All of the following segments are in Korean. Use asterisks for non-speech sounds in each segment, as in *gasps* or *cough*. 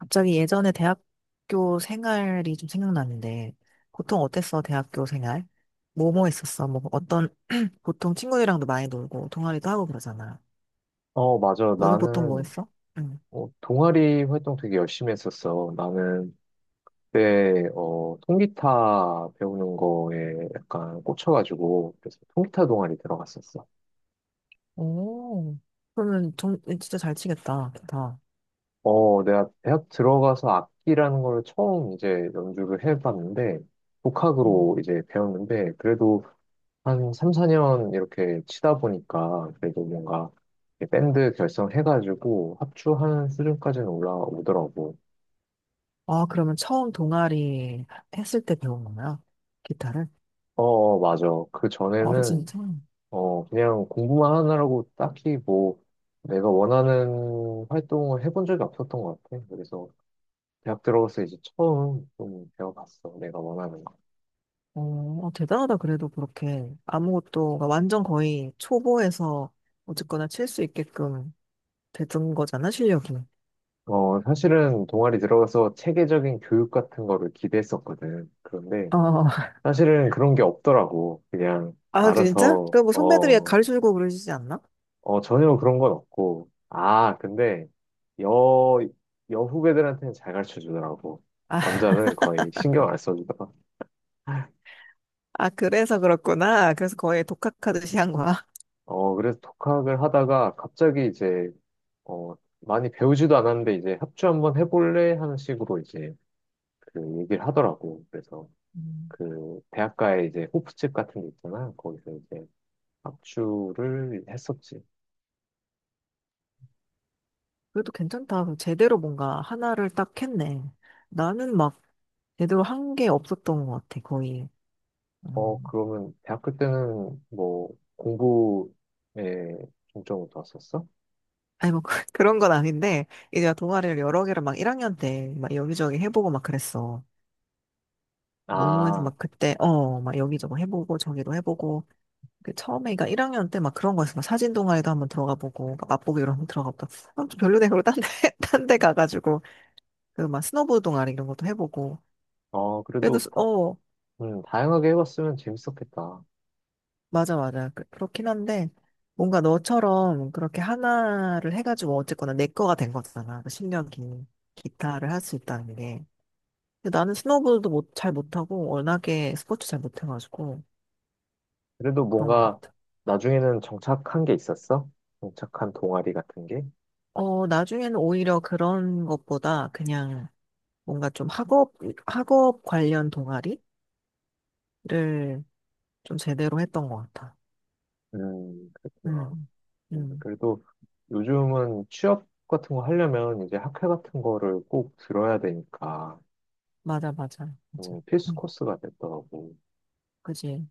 갑자기 예전에 대학교 생활이 좀 생각나는데, 보통 어땠어, 대학교 생활? 뭐 했었어? 뭐 어떤, *clears throat* 보통 친구들이랑도 많이 놀고, 동아리도 하고 그러잖아. 맞아. 너는 보통 뭐 나는, 했어? 응. 동아리 활동 되게 열심히 했었어. 나는 그때, 통기타 배우는 거에 약간 꽂혀가지고, 그래서 통기타 동아리 들어갔었어. 오, 그러면 진짜 잘 치겠다, 기타. 내가 대학 들어가서 악기라는 걸 처음 이제 연주를 해봤는데, 음. 독학으로 이제 배웠는데, 그래도 한 3, 4년 이렇게 치다 보니까, 그래도 뭔가, 이렇게 밴드 결성해가지고 합주하는 수준까지는 올라오더라고. 아, 그러면 처음 동아리 했을 때 배운 거야? 기타를? 맞아. 그 아, 전에는 진짜? 그냥 공부만 하느라고 딱히 뭐 내가 원하는 활동을 해본 적이 없었던 것 같아. 그래서 대학 들어가서 이제 처음 좀 배워봤어. 내가 원하는 거. 어, 아, 대단하다. 그래도 그렇게 아무것도, 완전 거의 초보에서 어쨌거나 칠 수 있게끔 되던 거잖아, 실력이. 사실은 동아리 들어가서 체계적인 교육 같은 거를 기대했었거든. 그런데 어, 사실은 그런 게 없더라고. 그냥 아, 진짜? 알아서, 그럼 뭐 선배들이 어, 가르쳐주고 그러시지 않나? 어, 전혀 그런 건 없고. 아, 근데 여, 여 후배들한테는 잘 가르쳐 주더라고. 아, 남자는 *laughs* 거의 신경 안 써주더라. 아, 그래서 그렇구나. 그래서 거의 독학하듯이 한 거야. 그래서 독학을 하다가 갑자기 이제, 어, 많이 배우지도 않았는데 이제 합주 한번 해볼래? 하는 식으로 이제 그 얘기를 하더라고. 그래서 음, 그 대학가에 이제 호프집 같은 게 있잖아. 거기서 이제 합주를 했었지. 그래도 괜찮다. 제대로 뭔가 하나를 딱 했네. 나는 막 제대로 한 게 없었던 것 같아, 거의. 음. 그러면 대학교 때는 뭐 공부에 중점을 뒀었어? 아니, 뭐, *laughs* 그런 건 아닌데, 이제 동아리를 여러 개를 막 1학년 때 막 여기저기 해보고 막 그랬어. 모모에서 아, 막 그때, 막 여기저기 해보고 저기도 해보고 그 처음에 그러니까 1학년 때 막 그런 거였어. 막 사진 동아리도 한번 들어가 보고 막 맛보기 이런 거 들어가 보다. 아, 좀 별로네. 그러고 딴 데, *laughs* 딴 데 가가지고 그 막 스노보드 동아리 이런 것도 해보고. 그래도 그래도 다양하게 해봤으면 재밌었겠다. 맞아, 맞아, 그렇긴 한데 뭔가 너처럼 그렇게 하나를 해가지고 어쨌거나 내 거가 된 거잖아. 그1이년긴 기타를 할 수 있다는 게. 근데 나는 스노보드도 못, 잘 못하고 워낙에 스포츠 잘 못해가지고 그래도 그런 것 뭔가 같아. 나중에는 정착한 게 있었어? 정착한 동아리 같은 게? 어, 나중에는 오히려 그런 것보다 그냥 뭔가 좀 학업 관련 동아리를 좀 제대로 했던 것 같아. 그랬구나. 음, 음, 그래도 요즘은 취업 같은 거 하려면 이제 학회 같은 거를 꼭 들어야 되니까, 맞아, 맞아, 맞아. 필수 음, 코스가 됐더라고. 그지.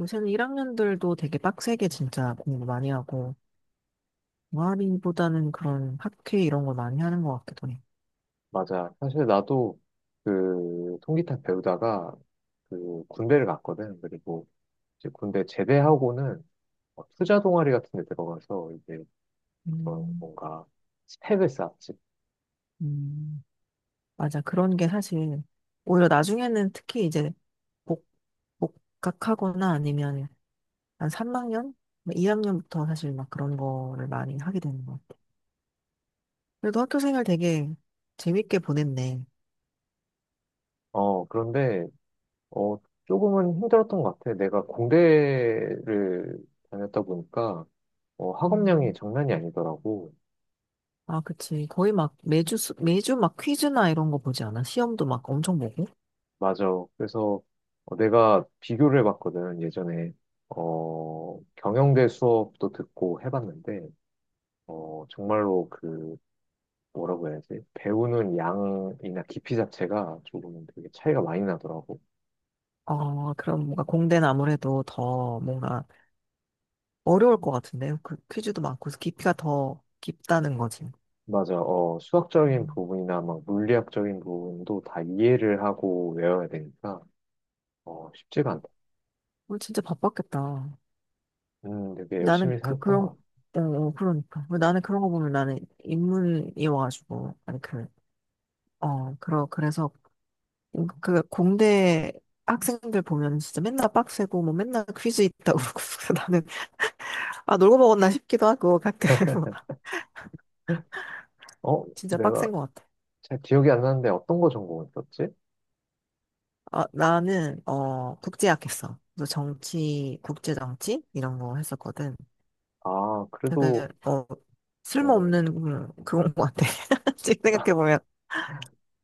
요새는 1학년들도 되게 빡세게 진짜 공부 많이 하고, 동아리보다는 그런 학회 이런 걸 많이 하는 것 같기도 해. 맞아. 사실 나도 그 통기타 배우다가 그 군대를 갔거든. 그리고 이제 군대 제대하고는 투자 동아리 같은 데 들어가서 이제 그런 음, 뭔가 스펙을 쌓지. 음, 맞아. 그런 게 사실, 오히려 나중에는 특히 이제 복, 복학하거나 아니면 한 3학년? 2학년부터 사실 막 그런 거를 많이 하게 되는 거 그래도 학교 생활 되게 재밌게 보냈네. 그런데 어, 조금은 힘들었던 것 같아. 내가 공대를 다녔다 보니까 학업량이 음, 장난이 아니더라고. 아, 그치. 거의 막 매주, 매주 막 퀴즈나 이런 거 보지 않아? 시험도 막 엄청 보고. 맞아. 그래서 내가 비교를 해봤거든, 예전에. 경영대 수업도 듣고 해봤는데, 정말로 뭐라고 해야지? 배우는 양이나 깊이 자체가 조금 되게 차이가 많이 나더라고. 어, 그럼 뭔가 공대는 아무래도 더 뭔가 어려울 것 같은데요. 그 퀴즈도 많고 깊이가 더 깊다는 거지. 맞아. 수학적인 음. 부분이나 막 물리학적인 부분도 다 이해를 하고 외워야 되니까, 쉽지가 않다. 우리 진짜 바빴겠다. 되게 나는 열심히 그, 살았던 것 그런, 같아. 어, 어, 그러니까. 나는 그런 거 보면 나는 인문이어가지고, 아니, 그래서 그 공대 학생들 보면 진짜 맨날 빡세고 뭐 맨날 퀴즈 있다고 *laughs* 그러고 래서 나는 아 놀고 먹었나 싶기도 하고 가끔 *laughs* 진짜 빡센 내가 것 같아. 잘 기억이 안 나는데 어떤 거 전공했었지? 아, 나는 국제학 했어. 그래서 정치 국제 정치 이런 거 했었거든. 아, 되게 그래도, 어, 쓸모없는 그런 것 같아. *laughs* 지금 생각해 *laughs* 보면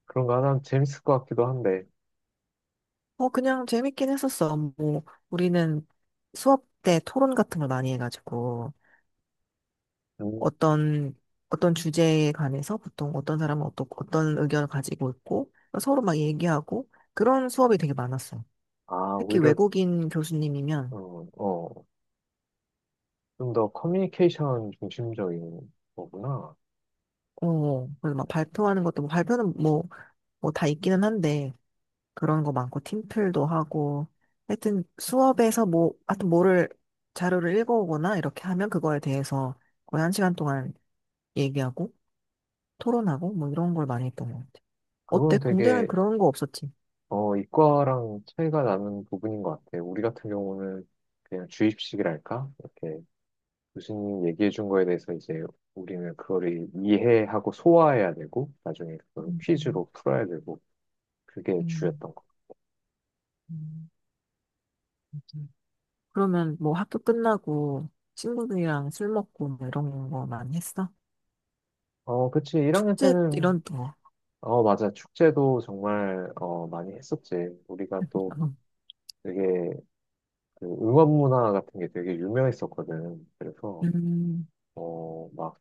그런 거 하면 재밌을 것 같기도 한데, 그냥 재밌긴 했었어. 뭐 우리는 수업 때 토론 같은 걸 많이 해가지고 음, 어떤 어떤 주제에 관해서 보통 어떤 사람은 어떤 의견을 가지고 있고 서로 막 얘기하고 그런 수업이 되게 많았어요. 아, 특히 오히려, 외국인 교수님이면 어, 어, 좀 더 커뮤니케이션 중심적인 거구나. 그래서 막 발표하는 것도 뭐 발표는 뭐 다 있기는 한데 그런 거 많고 팀플도 하고 하여튼 수업에서 뭐 하여튼 뭐를 자료를 읽어오거나 이렇게 하면 그거에 대해서 거의 한 시간 동안 얘기하고 토론하고 뭐 이런 걸 많이 했던 것 같아요. 어때? 그건 공대는 되게, 그런 거 없었지? 이과랑 차이가 나는 부분인 것 같아. 우리 같은 경우는 그냥 주입식이랄까? 이렇게 교수님 얘기해 준 거에 대해서 이제 우리는 그거를 이해하고 소화해야 되고, 나중에 그걸 음, 음. 퀴즈로 풀어야 되고, 그게 음. 주였던 거. 음, 음. 그러면 뭐 학교 끝나고 친구들이랑 술 먹고 뭐 이런 거 많이 했어? 그치. 1학년 축제 때는 이런 거. 맞아. 축제도 정말, 많이 했었지. 우리가 또 되게, 그 응원 문화 같은 게 되게 유명했었거든. 그래서, 음, 막,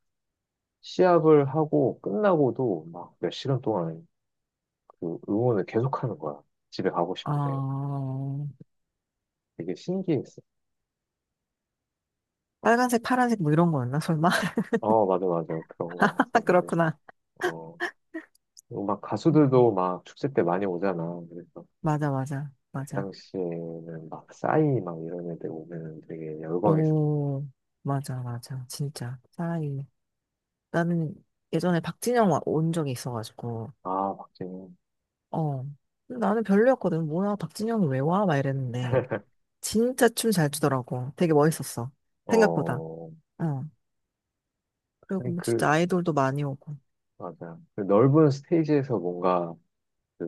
시합을 하고 끝나고도 막 몇 시간 동안 그 응원을 계속 하는 거야. 집에 가고 싶은데. 어, 되게 신기했어. 빨간색, 파란색 뭐 이런 거였나? 설마? 맞아, 맞아. 그런 거 *laughs* 했었는데, 그렇구나. 어, 그리고 막 음, 가수들도 막 축제 때 많이 오잖아. 그래서 맞아, 맞아, 그 맞아. 당시에는 막 싸이 막 이런 애들 오면 되게 열광했어. 오, 맞아, 맞아. 진짜. 차라리. 나는 예전에 박진영 온 적이 있어가지고, 아, 박진영. 어. 근데 나는 별로였거든. 뭐야, 박진영이 왜 와? 막 이랬는데. 진짜 춤 잘 추더라고. 되게 멋있었어. 생각보다. 어, 어. 그리고 아니, 뭐 진짜 아이돌도 많이 오고. 맞아. 그 넓은 스테이지에서 뭔가, 그,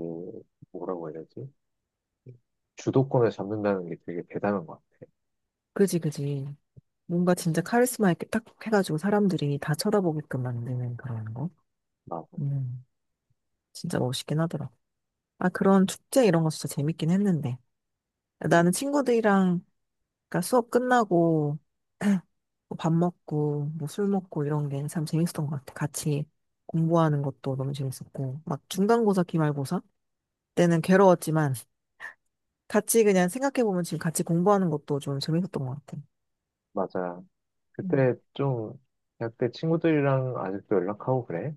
뭐라고 해야 되지? 주도권을 잡는다는 게 되게 대단한 것 같아. 그지, 그지. 뭔가 진짜 카리스마 있게 딱 해가지고 사람들이 다 쳐다보게끔 만드는 그런 거. 맞아. 음, 진짜 멋있긴 하더라. 아, 그런 축제 이런 거 진짜 재밌긴 했는데. 나는 음, 친구들이랑, 그러니까 수업 끝나고, *clears throat* 뭐밥 먹고, 뭐 술 먹고 이런 게 참 재밌었던 것 같아. 같이 공부하는 것도 너무 재밌었고. 막 중간고사, 기말고사 때는 괴로웠지만, 같이 그냥 생각해보면 지금 같이 공부하는 것도 좀 재밌었던 것 같아. 맞아. 음. 그때 좀, 대학 때 친구들이랑 아직도 연락하고 그래?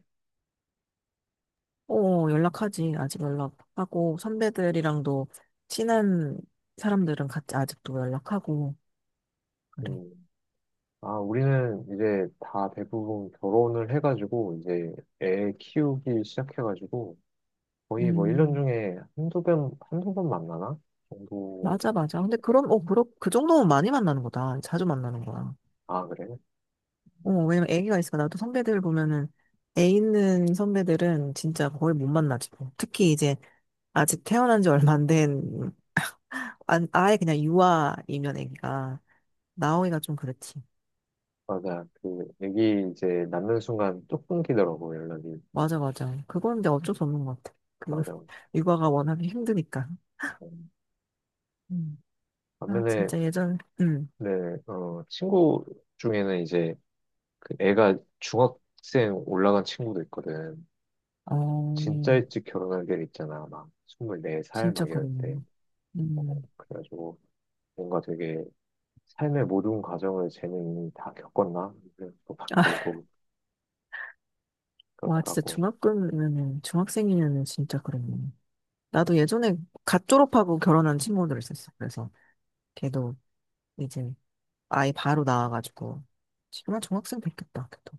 어, 연락하지. 아직 연락하고, 선배들이랑도 친한 사람들은 같이 아직도 연락하고, 그래. 음. 아, 우리는 이제 다 대부분 결혼을 해가지고, 이제 애 키우기 시작해가지고, 거의 뭐 1년 음, 중에 한두 번, 한두 번 만나나? 정도. 맞아, 맞아. 근데 그럼, 그 정도면 많이 만나는 거다. 자주 만나는 거야. 아, 그래? 어, 왜냐면 애기가 있으니까 나도 선배들 보면은 애 있는 선배들은 진짜 거의 못 만나지. 뭐. 특히 이제 아직 태어난 지 얼마 안 된, 아예 그냥 유아이면 애기가 나오기가 좀 그렇지. 맞아. 애기 이제 낳는 순간 뚝 끊기더라고, 연락이. 맞아, 맞아. 그건 이제 어쩔 수 없는 것 같아. 맞아요. *laughs* 육아가 워낙에 힘드니까. 음, 음. 아, 반면에, 진짜 예전, 네, 친구 중에는 이제 그 애가 중학생 올라간 친구도 있거든. 진짜 어, 일찍 결혼할 때 있잖아. 막 24살 진짜 막 이럴 그러네. 때. 어, 음. 그래가지고 뭔가 되게 삶의 모든 과정을 쟤는 다 겪었나? 그래서 막 아, *laughs* 들고 와, 진짜 그렇더라고. 중학교면은, 중학생이면은 진짜 그러네. 나도 예전에 갓 졸업하고 결혼한 친구들 있었어. 그래서 걔도 이제 아이 바로 나와가지고. 지금은 중학생 됐겠다, 걔도.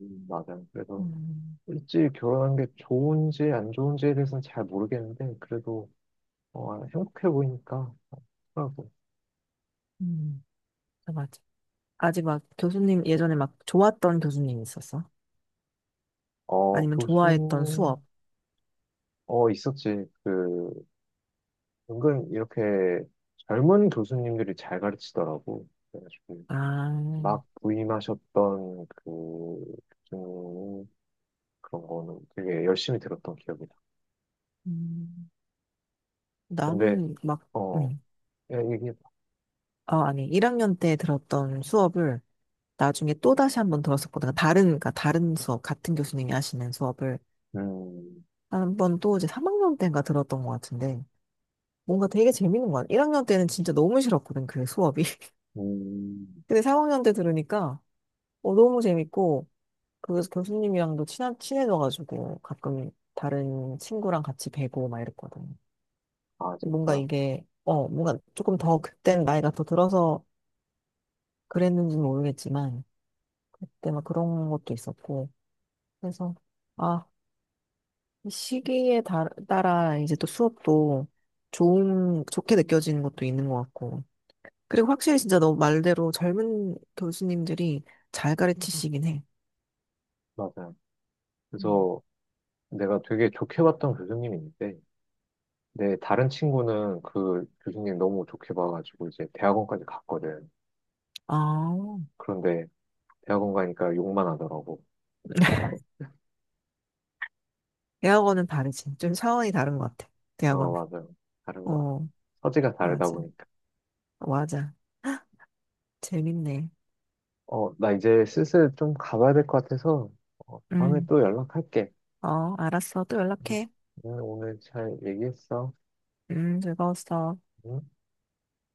맞아요. 그래서 음, 일찍 결혼한 게 좋은지 안 좋은지에 대해서는 잘 모르겠는데, 그래도 행복해 보이니까. 하고. 음, 아, 맞아. 아직 막 교수님, 예전에 막 좋았던 교수님 있었어? 어, 아니면 교 좋아했던 수 수업? 있었지. 은근 이렇게 젊은 교수님들이 잘 가르치더라고. 그래가지고, 아, 막 부임하셨던 그, 교수님 그런 거는 되게 열심히 들었던 기억이다. 음, 근데, 나는 막, 어, 응. 야, 얘기해봐. 어, 아니, 1학년 때 들었던 수업을 나중에 또 다시 한번 들었었거든요. 다른, 그러니까 다른 수업, 같은 교수님이 하시는 수업을 음, 한번 또 이제 3학년 때인가 들었던 것 같은데 뭔가 되게 재밌는 것 같아요. 1학년 때는 진짜 너무 싫었거든, 그 수업이. *laughs* 음, 근데 3학년 때 들으니까 너무 재밌고 그 교수님이랑도 친해져가지고 가끔 다른 친구랑 같이 뵈고 막 이랬거든요. 아, 뭔가 진짜? 이게, 뭔가 조금 더 그땐 나이가 더 들어서 그랬는지는 모르겠지만 그때 막 그런 것도 있었고 그래서, 아, 이 시기에 따라 이제 또 수업도 좋게 느껴지는 것도 있는 것 같고. 그리고 확실히 진짜 너 말대로 젊은 교수님들이 잘 가르치시긴 해. 맞아. 음. 그래서 내가 되게 좋게 봤던 교수님이 있는데, 내 다른 친구는 그 교수님 너무 좋게 봐가지고 이제 대학원까지 갔거든. 아, 그런데 대학원 가니까 욕만 하더라고. 대학원은 다르지. 좀 차원이 다른 것 같아. 대학원. 맞아요. 다른 것 같아요. 어, 서지가 다르다 맞아. 보니까. 맞아. *gasps* 재밌네. 나 이제 슬슬 좀 가봐야 될 것 같아서, 다음에 음, 또 연락할게. 어, 알았어. 또 응, 연락해. 응, 오늘 잘 얘기했어. 즐거웠어. 응?